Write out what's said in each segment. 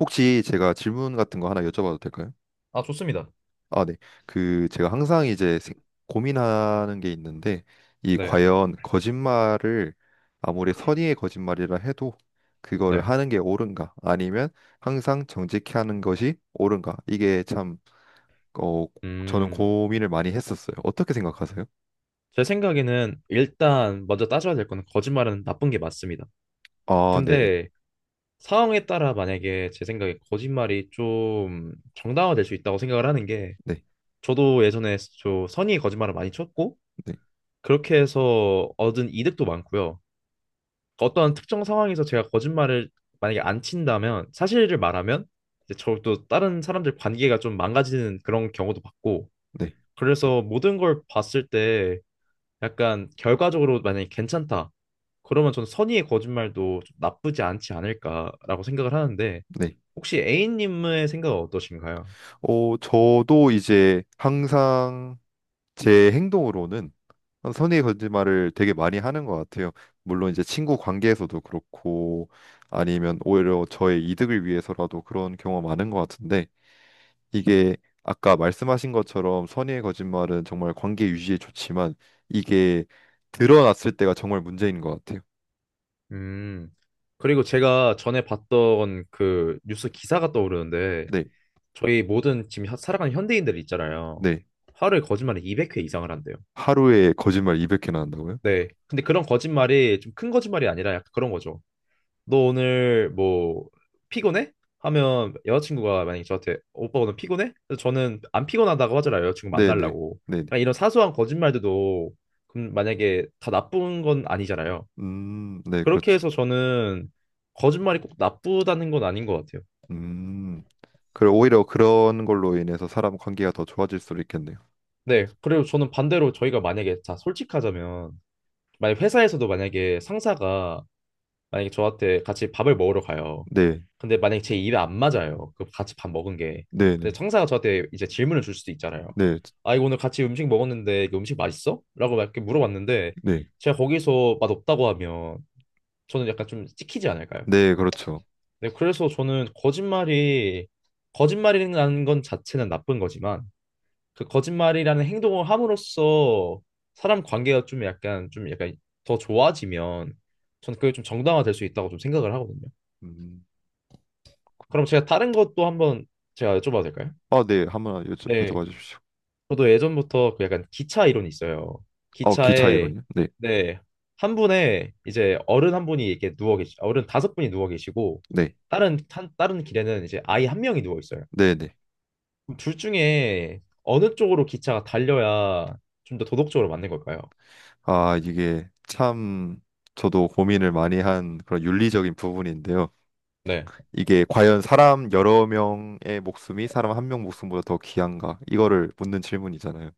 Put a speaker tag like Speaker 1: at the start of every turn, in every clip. Speaker 1: 혹시 제가 질문 같은 거 하나 여쭤봐도 될까요?
Speaker 2: 아, 좋습니다.
Speaker 1: 아, 네. 그 제가 항상 이제 고민하는 게 있는데 이
Speaker 2: 네,
Speaker 1: 과연 거짓말을 아무리 선의의 거짓말이라 해도 그거를
Speaker 2: 네.
Speaker 1: 하는 게 옳은가? 아니면 항상 정직히 하는 것이 옳은가? 이게 참 어, 저는
Speaker 2: 음,
Speaker 1: 고민을 많이 했었어요. 어떻게 생각하세요?
Speaker 2: 제 생각에는 일단 먼저 따져야 될 거는 거짓말은 나쁜 게 맞습니다.
Speaker 1: 아, 네네.
Speaker 2: 근데 상황에 따라 만약에 제 생각에 거짓말이 좀 정당화될 수 있다고 생각을 하는 게
Speaker 1: 네.
Speaker 2: 저도 예전에 저 선의의 거짓말을 많이 쳤고
Speaker 1: 네.
Speaker 2: 그렇게 해서 얻은 이득도 많고요. 어떤 특정 상황에서 제가 거짓말을 만약에 안 친다면 사실을 말하면 이제 저또 다른 사람들 관계가 좀 망가지는 그런 경우도 봤고
Speaker 1: 네.
Speaker 2: 그래서 모든 걸 봤을 때 약간 결과적으로 만약에 괜찮다. 그러면 저는 선의의 거짓말도 좀 나쁘지 않지 않을까라고 생각을 하는데
Speaker 1: 네.
Speaker 2: 혹시 A님의 생각은 어떠신가요?
Speaker 1: 저도 이제 항상 제 행동으로는 한 선의의 거짓말을 되게 많이 하는 것 같아요. 물론 이제 친구 관계에서도 그렇고 아니면 오히려 저의 이득을 위해서라도 그런 경우가 많은 것 같은데 이게 아까 말씀하신 것처럼 선의의 거짓말은 정말 관계 유지에 좋지만 이게 드러났을 때가 정말 문제인 것 같아요.
Speaker 2: 음. 그리고 제가 전에 봤던 그 뉴스 기사가 떠오르는데
Speaker 1: 네,
Speaker 2: 저희 모든 지금 살아가는 현대인들 있잖아요.
Speaker 1: 네.
Speaker 2: 하루에 거짓말을 200회 이상을 한대요.
Speaker 1: 하루에 거짓말 200개나 한다고요?
Speaker 2: 네. 근데 그런 거짓말이 좀 큰 거짓말이 아니라 약간 그런 거죠. 너 오늘 뭐 피곤해? 하면 여자친구가 만약에 저한테 오빠 오늘 피곤해? 그래서 저는 안 피곤하다고 하잖아요. 여자친구
Speaker 1: 네, 네,
Speaker 2: 만나려고.
Speaker 1: 네. 네.
Speaker 2: 그러니까 이런 사소한 거짓말들도 그럼 만약에 다 나쁜 건 아니잖아요.
Speaker 1: 네,
Speaker 2: 그렇게
Speaker 1: 그렇죠.
Speaker 2: 해서 저는 거짓말이 꼭 나쁘다는 건 아닌 것 같아요.
Speaker 1: 음. 그리고 오히려 그런 걸로 인해서 사람 관계가 더 좋아질 수도 있겠네요.
Speaker 2: 네. 그리고 저는 반대로 저희가 만약에 자 솔직하자면 만약 회사에서도 만약에 상사가 만약에 저한테 같이 밥을 먹으러 가요.
Speaker 1: 네,
Speaker 2: 근데 만약에 제 입에 안 맞아요. 그 같이 밥 먹은 게.
Speaker 1: 네,
Speaker 2: 근데
Speaker 1: 네,
Speaker 2: 청사가 저한테 이제 질문을 줄 수도 있잖아요.
Speaker 1: 네,
Speaker 2: 아, 이거 오늘 같이 음식 먹었는데 이거 음식 맛있어? 라고 막 이렇게 물어봤는데
Speaker 1: 네,
Speaker 2: 제가 거기서 맛없다고 하면 저는 약간 좀 찍히지 않을까요?
Speaker 1: 네, 그렇죠.
Speaker 2: 네, 그래서 저는 거짓말이 거짓말이라는 건 자체는 나쁜 거지만 그 거짓말이라는 행동을 함으로써 사람 관계가 좀 약간 좀 약간 더 좋아지면 저는 그게 좀 정당화될 수 있다고 좀 생각을 하거든요.
Speaker 1: 음,
Speaker 2: 그럼 제가 다른 것도 한번 제가 여쭤봐도 될까요?
Speaker 1: 아, 네, 한번
Speaker 2: 네.
Speaker 1: 여쭤봐 주십시오.
Speaker 2: 저도 예전부터 그 약간 기차 이론이 있어요.
Speaker 1: 어, 기차
Speaker 2: 기차에
Speaker 1: 이론이요? 네,
Speaker 2: 네. 한 분에 이제 어른 한 분이 이렇게 누워 계시, 어른 다섯 분이 누워 계시고
Speaker 1: 네,
Speaker 2: 다른 길에는 이제 아이 한 명이 누워 있어요.
Speaker 1: 네, 네.
Speaker 2: 그럼 둘 중에 어느 쪽으로 기차가 달려야 좀 더 도덕적으로 맞는 걸까요?
Speaker 1: 아, 이게 참 저도 고민을 많이 한 그런 윤리적인 부분인데요.
Speaker 2: 네.
Speaker 1: 이게 과연 사람 여러 명의 목숨이 사람 한 명 목숨보다 더 귀한가? 이거를 묻는 질문이잖아요.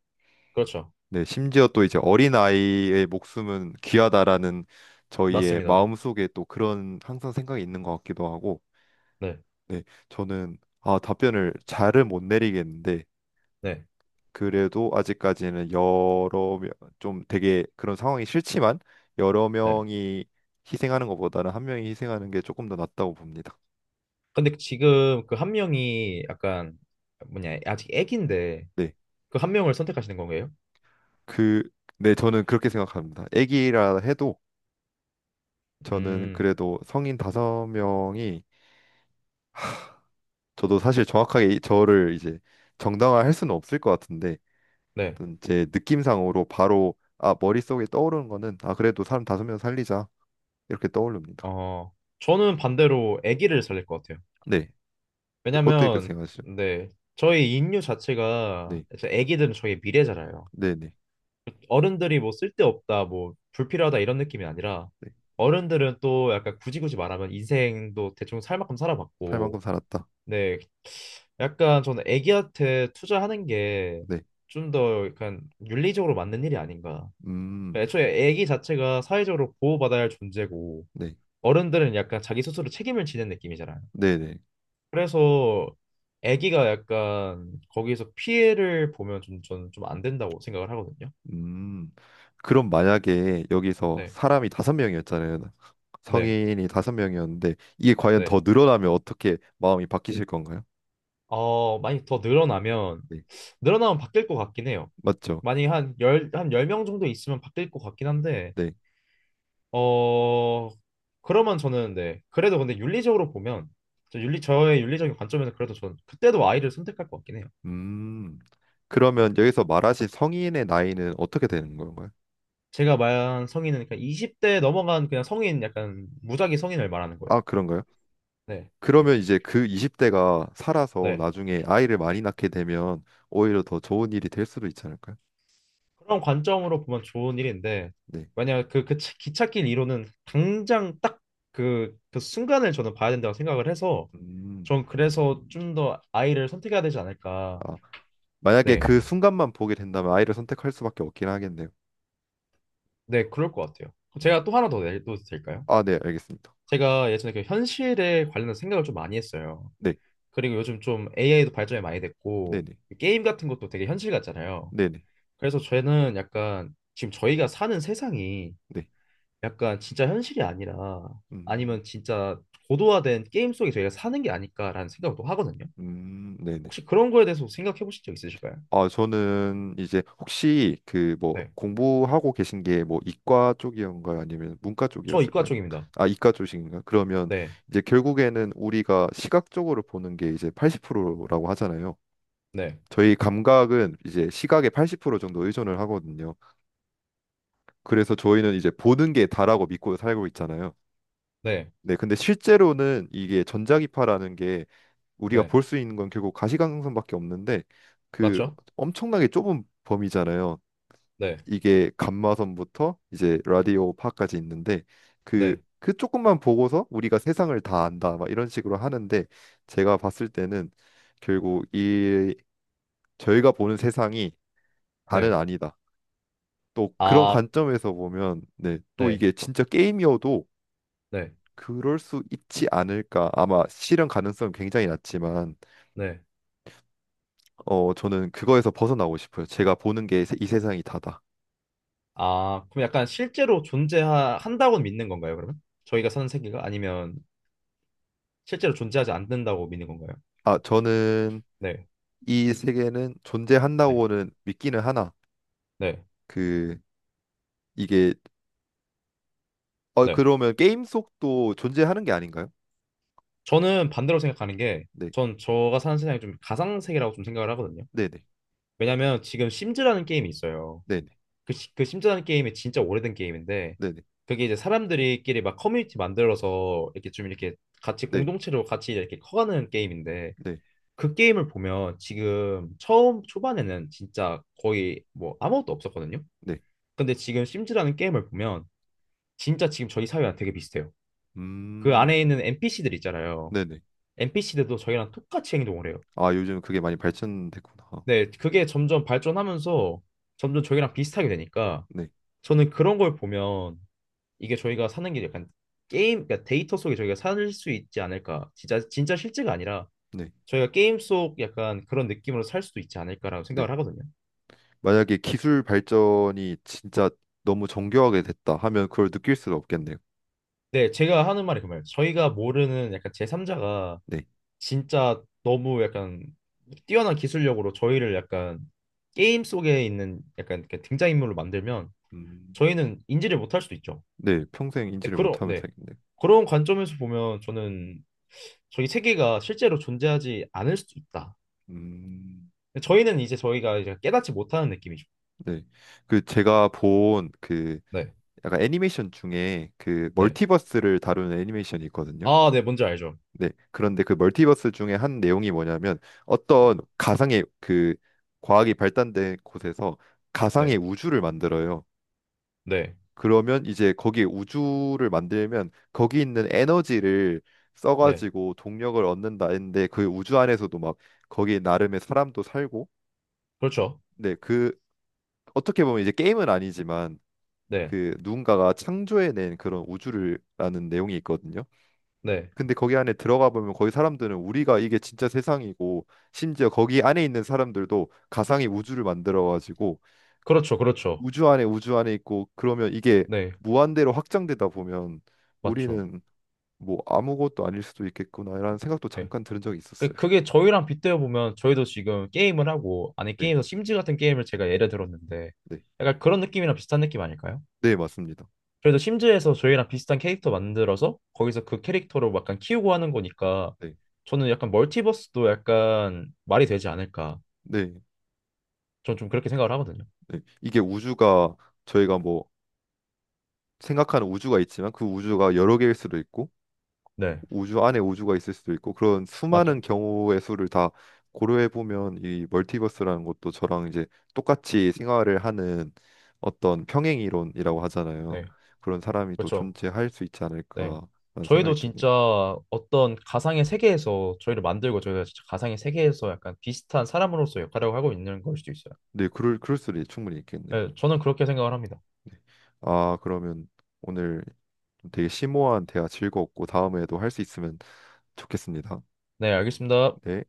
Speaker 2: 그렇죠.
Speaker 1: 네, 심지어 또 이제 어린아이의 목숨은 귀하다라는 저희의
Speaker 2: 맞습니다.
Speaker 1: 마음속에 또 그런 항상 생각이 있는 것 같기도 하고,
Speaker 2: 네.
Speaker 1: 네, 저는 아, 답변을 잘은 못 내리겠는데
Speaker 2: 네.
Speaker 1: 그래도 아직까지는 여러 명, 좀 되게 그런 상황이 싫지만 여러
Speaker 2: 네.
Speaker 1: 명이 희생하는 것보다는 한 명이 희생하는 게 조금 더 낫다고 봅니다.
Speaker 2: 근데 지금 그 한 명이 약간 뭐냐 아직 애기인데
Speaker 1: 네,
Speaker 2: 그 한 명을 선택하시는 건가요?
Speaker 1: 그, 네, 저는 그렇게 생각합니다. 애기라 해도 저는
Speaker 2: 음,
Speaker 1: 그래도 성인 다섯 명이 저도 사실 정확하게 저를 이제 정당화할 수는 없을 것 같은데
Speaker 2: 네.
Speaker 1: 어떤 제 느낌상으로 바로 아, 머릿속에 떠오르는 거는 아, 그래도 사람 다섯 명 살리자 이렇게 떠오릅니다.
Speaker 2: 어, 저는 반대로 아기를 살릴 것 같아요.
Speaker 1: 네. 어떻게 그렇게
Speaker 2: 왜냐면,
Speaker 1: 생각하시죠?
Speaker 2: 네. 저희 인류 자체가,
Speaker 1: 네.
Speaker 2: 이제 아기들은 저희 미래잖아요.
Speaker 1: 네, 네.
Speaker 2: 어른들이 뭐 쓸데없다, 뭐 불필요하다 이런 느낌이 아니라,
Speaker 1: 네.
Speaker 2: 어른들은 또 약간 굳이 굳이 말하면 인생도 대충 살 만큼
Speaker 1: 살 만큼
Speaker 2: 살아봤고,
Speaker 1: 살았다.
Speaker 2: 네. 약간 저는 아기한테 투자하는 게
Speaker 1: 네.
Speaker 2: 좀 더 약간 윤리적으로 맞는 일이 아닌가.
Speaker 1: 음.
Speaker 2: 그러니까 애초에 아기 자체가 사회적으로 보호받아야 할 존재고,
Speaker 1: 네.
Speaker 2: 어른들은 약간 자기 스스로 책임을 지는 느낌이잖아요.
Speaker 1: 네, 네.
Speaker 2: 그래서 아기가 약간 거기에서 피해를 보면 좀 저는 좀 안 된다고 생각을 하거든요.
Speaker 1: 음. 그럼 만약에 여기서
Speaker 2: 네,
Speaker 1: 사람이 다섯 명이었잖아요.
Speaker 2: 네,
Speaker 1: 성인이 다섯 명이었는데 이게 과연 더
Speaker 2: 네.
Speaker 1: 늘어나면 어떻게 마음이 바뀌실 건가요?
Speaker 2: 어, 많이 더 늘어나면
Speaker 1: 네.
Speaker 2: 늘어나면 바뀔 것 같긴 해요.
Speaker 1: 맞죠?
Speaker 2: 만약에 한 10명 정도 있으면 바뀔 것 같긴 한데
Speaker 1: 네.
Speaker 2: 어, 그러면 저는 네. 그래도 근데 윤리적으로 보면 저 윤리 저의 윤리적인 관점에서 그래도 저는 그때도 아이를 선택할 것 같긴 해요.
Speaker 1: 음. 그러면 여기서 말하신 성인의 나이는 어떻게 되는 건가요?
Speaker 2: 제가 말한 성인은 그냥 20대 넘어간 그냥 성인 약간 무작위 성인을 말하는 거예요.
Speaker 1: 아, 그런가요?
Speaker 2: 네.
Speaker 1: 그러면 이제 그 20대가 살아서
Speaker 2: 네.
Speaker 1: 나중에 아이를 많이 낳게 되면 오히려 더 좋은 일이 될 수도 있지 않을까요?
Speaker 2: 그런 관점으로 보면 좋은 일인데
Speaker 1: 네.
Speaker 2: 만약 기찻길 이론은 당장 딱 그 순간을 저는 봐야 된다고 생각을 해서
Speaker 1: 음,
Speaker 2: 전 그래서 좀 더 아이를 선택해야 되지 않을까.
Speaker 1: 아, 만약에
Speaker 2: 네.
Speaker 1: 그 순간만 보게 된다면 아이를 선택할 수밖에 없긴 하겠네요.
Speaker 2: 네, 그럴 것 같아요.
Speaker 1: 음,
Speaker 2: 제가 또 하나 더 내도 될까요?
Speaker 1: 아, 네, 알겠습니다.
Speaker 2: 제가 예전에 그 현실에 관련된 생각을 좀 많이 했어요.
Speaker 1: 네,
Speaker 2: 그리고 요즘 좀 AI도 발전이 많이
Speaker 1: 네,
Speaker 2: 됐고
Speaker 1: 네,
Speaker 2: 게임 같은 것도 되게 현실 같잖아요.
Speaker 1: 네, 네,
Speaker 2: 그래서 저는 약간 지금 저희가 사는 세상이
Speaker 1: 네,
Speaker 2: 약간 진짜 현실이 아니라
Speaker 1: 음,
Speaker 2: 아니면 진짜 고도화된 게임 속에 저희가 사는 게 아닐까라는 생각도 하거든요.
Speaker 1: 네, 네.
Speaker 2: 혹시 그런 거에 대해서 생각해 보신 적 있으실까요?
Speaker 1: 아, 저는 이제 혹시 그 뭐
Speaker 2: 네.
Speaker 1: 공부하고 계신 게 뭐 이과 쪽이었는가요? 아니면 문과
Speaker 2: 저 이과
Speaker 1: 쪽이었을까요?
Speaker 2: 쪽입니다.
Speaker 1: 아, 이과 쪽이신가요? 그러면
Speaker 2: 네.
Speaker 1: 이제 결국에는 우리가 시각적으로 보는 게 이제 80%라고 하잖아요.
Speaker 2: 네.
Speaker 1: 저희 감각은 이제 시각의 80% 정도 의존을 하거든요. 그래서 저희는 이제 보는 게 다라고 믿고 살고 있잖아요.
Speaker 2: 네.
Speaker 1: 네, 근데 실제로는 이게 전자기파라는 게 우리가
Speaker 2: 네.
Speaker 1: 볼 수 있는 건 결국 가시광선밖에 없는데 그
Speaker 2: 맞죠?
Speaker 1: 엄청나게 좁은 범위잖아요.
Speaker 2: 네.
Speaker 1: 이게 감마선부터 이제 라디오파까지 있는데 그
Speaker 2: 네.
Speaker 1: 그 조금만 보고서 우리가 세상을 다 안다 막 이런 식으로 하는데 제가 봤을 때는 결국 이 저희가 보는 세상이 다는
Speaker 2: 네.
Speaker 1: 아니다. 또 그런
Speaker 2: 아,
Speaker 1: 관점에서 보면 네, 또
Speaker 2: 네.
Speaker 1: 이게 진짜 게임이어도
Speaker 2: 네.
Speaker 1: 그럴 수 있지 않을까. 아마 실현 가능성 은 굉장히 낮지만,
Speaker 2: 네.
Speaker 1: 어, 저는 그거에서 벗어나고 싶어요. 제가 보는 게 이 세상이 다다.
Speaker 2: 아, 그럼 약간 실제로 존재한다고 믿는 건가요, 그러면? 저희가 사는 세계가 아니면 실제로 존재하지 않는다고 믿는 건가요?
Speaker 1: 아, 저는
Speaker 2: 네.
Speaker 1: 이 세계는
Speaker 2: 네.
Speaker 1: 존재한다고는 믿기는 하나.
Speaker 2: 네.
Speaker 1: 그 이게 어
Speaker 2: 네.
Speaker 1: 그러면 게임 속도 존재하는 게 아닌가요?
Speaker 2: 저는 반대로 생각하는 게,
Speaker 1: 네,
Speaker 2: 전 저가 사는 세상이 좀 가상세계라고 좀 생각을 하거든요.
Speaker 1: 네, 네,
Speaker 2: 왜냐면 지금 심즈라는 게임이 있어요.
Speaker 1: 네,
Speaker 2: 그 심즈라는 게임이 진짜 오래된 게임인데,
Speaker 1: 네, 네,
Speaker 2: 그게 이제 사람들끼리 막 커뮤니티 만들어서 이렇게 좀 이렇게 같이
Speaker 1: 네,
Speaker 2: 공동체로 같이 이렇게 커가는 게임인데,
Speaker 1: 네,
Speaker 2: 그 게임을 보면 지금 처음 초반에는 진짜 거의 뭐 아무것도 없었거든요.
Speaker 1: 네.
Speaker 2: 근데 지금 심즈라는 게임을 보면 진짜 지금 저희 사회랑 되게 비슷해요. 그 안에
Speaker 1: 음,
Speaker 2: 있는 NPC들 있잖아요.
Speaker 1: 네, 네.
Speaker 2: NPC들도 저희랑 똑같이 행동을 해요.
Speaker 1: 아, 요즘 그게 많이 발전됐구나.
Speaker 2: 네, 그게 점점 발전하면서 점점 저희랑 비슷하게 되니까
Speaker 1: 네,
Speaker 2: 저는 그런 걸 보면 이게 저희가 사는 게 약간 게임, 그러니까 데이터 속에 저희가 살 수 있지 않을까. 진짜, 진짜 실제가 아니라
Speaker 1: 네,
Speaker 2: 저희가 게임 속 약간 그런 느낌으로 살 수도 있지 않을까라고
Speaker 1: 네.
Speaker 2: 생각을 하거든요.
Speaker 1: 만약에 기술 발전이 진짜 너무 정교하게 됐다 하면 그걸 느낄 수가 없겠네요.
Speaker 2: 네, 제가 하는 말이 그 말이에요. 저희가 모르는 약간 제3자가
Speaker 1: 네.
Speaker 2: 진짜 너무 약간 뛰어난 기술력으로 저희를 약간 게임 속에 있는 약간 그 등장인물로 만들면
Speaker 1: 음,
Speaker 2: 저희는 인지를 못할 수도 있죠.
Speaker 1: 네, 평생
Speaker 2: 네,
Speaker 1: 인지를
Speaker 2: 그런
Speaker 1: 못하면
Speaker 2: 네
Speaker 1: 살겠네요.
Speaker 2: 그런 관점에서 보면 저는 저희 세계가 실제로 존재하지 않을 수도 있다.
Speaker 1: 음,
Speaker 2: 저희는 이제 저희가 이제 깨닫지 못하는 느낌이죠.
Speaker 1: 네. 그 제가 본 그
Speaker 2: 네,
Speaker 1: 약간 애니메이션 중에 그
Speaker 2: 네.
Speaker 1: 멀티버스를 다루는 애니메이션이 있거든요.
Speaker 2: 아, 네, 뭔지 알죠.
Speaker 1: 네. 그런데 그 멀티버스 중에 한 내용이 뭐냐면
Speaker 2: 네,
Speaker 1: 어떤 가상의 그 과학이 발달된 곳에서
Speaker 2: 네,
Speaker 1: 가상의 우주를 만들어요.
Speaker 2: 네,
Speaker 1: 그러면 이제 거기에 우주를 만들면 거기 있는 에너지를
Speaker 2: 네.
Speaker 1: 써가지고 동력을 얻는다 했는데 그 우주 안에서도 막 거기 나름의 사람도 살고
Speaker 2: 그렇죠.
Speaker 1: 네, 그 어떻게 보면 이제 게임은 아니지만
Speaker 2: 네,
Speaker 1: 그 누군가가 창조해낸 그런 우주를라는 내용이 있거든요.
Speaker 2: 네.
Speaker 1: 근데 거기 안에 들어가 보면 거기 사람들은 우리가 이게 진짜 세상이고 심지어 거기 안에 있는 사람들도 가상의 우주를 만들어 가지고
Speaker 2: 그렇죠, 그렇죠.
Speaker 1: 우주 안에 우주 안에 있고 그러면 이게
Speaker 2: 네,
Speaker 1: 무한대로 확장되다 보면
Speaker 2: 맞죠.
Speaker 1: 우리는 뭐 아무것도 아닐 수도 있겠구나라는 생각도
Speaker 2: 네.
Speaker 1: 잠깐 들은 적이
Speaker 2: 그,
Speaker 1: 있었어요.
Speaker 2: 그게 저희랑 빗대어 보면 저희도 지금 게임을 하고, 아니,
Speaker 1: 네,
Speaker 2: 게임에서 심즈 같은 게임을 제가 예를 들었는데,
Speaker 1: 네,
Speaker 2: 약간 그런 느낌이랑 비슷한 느낌 아닐까요?
Speaker 1: 네, 맞습니다.
Speaker 2: 그래서 심즈에서 저희랑 비슷한 캐릭터 만들어서 거기서 그 캐릭터로 약간 키우고 하는 거니까
Speaker 1: 네,
Speaker 2: 저는 약간 멀티버스도 약간 말이 되지 않을까.
Speaker 1: 네,
Speaker 2: 저는 좀 그렇게 생각을 하거든요.
Speaker 1: 네. 이게 우주가 저희가 뭐 생각하는 우주가 있지만 그 우주가 여러 개일 수도 있고
Speaker 2: 네,
Speaker 1: 우주 안에 우주가 있을 수도 있고 그런 수많은
Speaker 2: 맞죠.
Speaker 1: 경우의 수를 다 고려해 보면 이 멀티버스라는 것도 저랑 이제 똑같이 생활을 하는 어떤 평행이론이라고 하잖아요.
Speaker 2: 네,
Speaker 1: 그런 사람이 또
Speaker 2: 그렇죠.
Speaker 1: 존재할 수 있지
Speaker 2: 네.
Speaker 1: 않을까라는
Speaker 2: 저희도
Speaker 1: 생각이 드네요.
Speaker 2: 진짜 어떤 가상의 세계에서 저희를 만들고 저희가 진짜 가상의 세계에서 약간 비슷한 사람으로서 역할을 하고 있는 걸 수도 있어요.
Speaker 1: 네, 그럴 수도 충분히 있겠네요.
Speaker 2: 네, 저는 그렇게 생각을 합니다.
Speaker 1: 네. 아, 그러면 오늘 좀 되게 심오한 대화 즐거웠고 다음에도 할 수 있으면 좋겠습니다.
Speaker 2: 네, 알겠습니다.
Speaker 1: 네.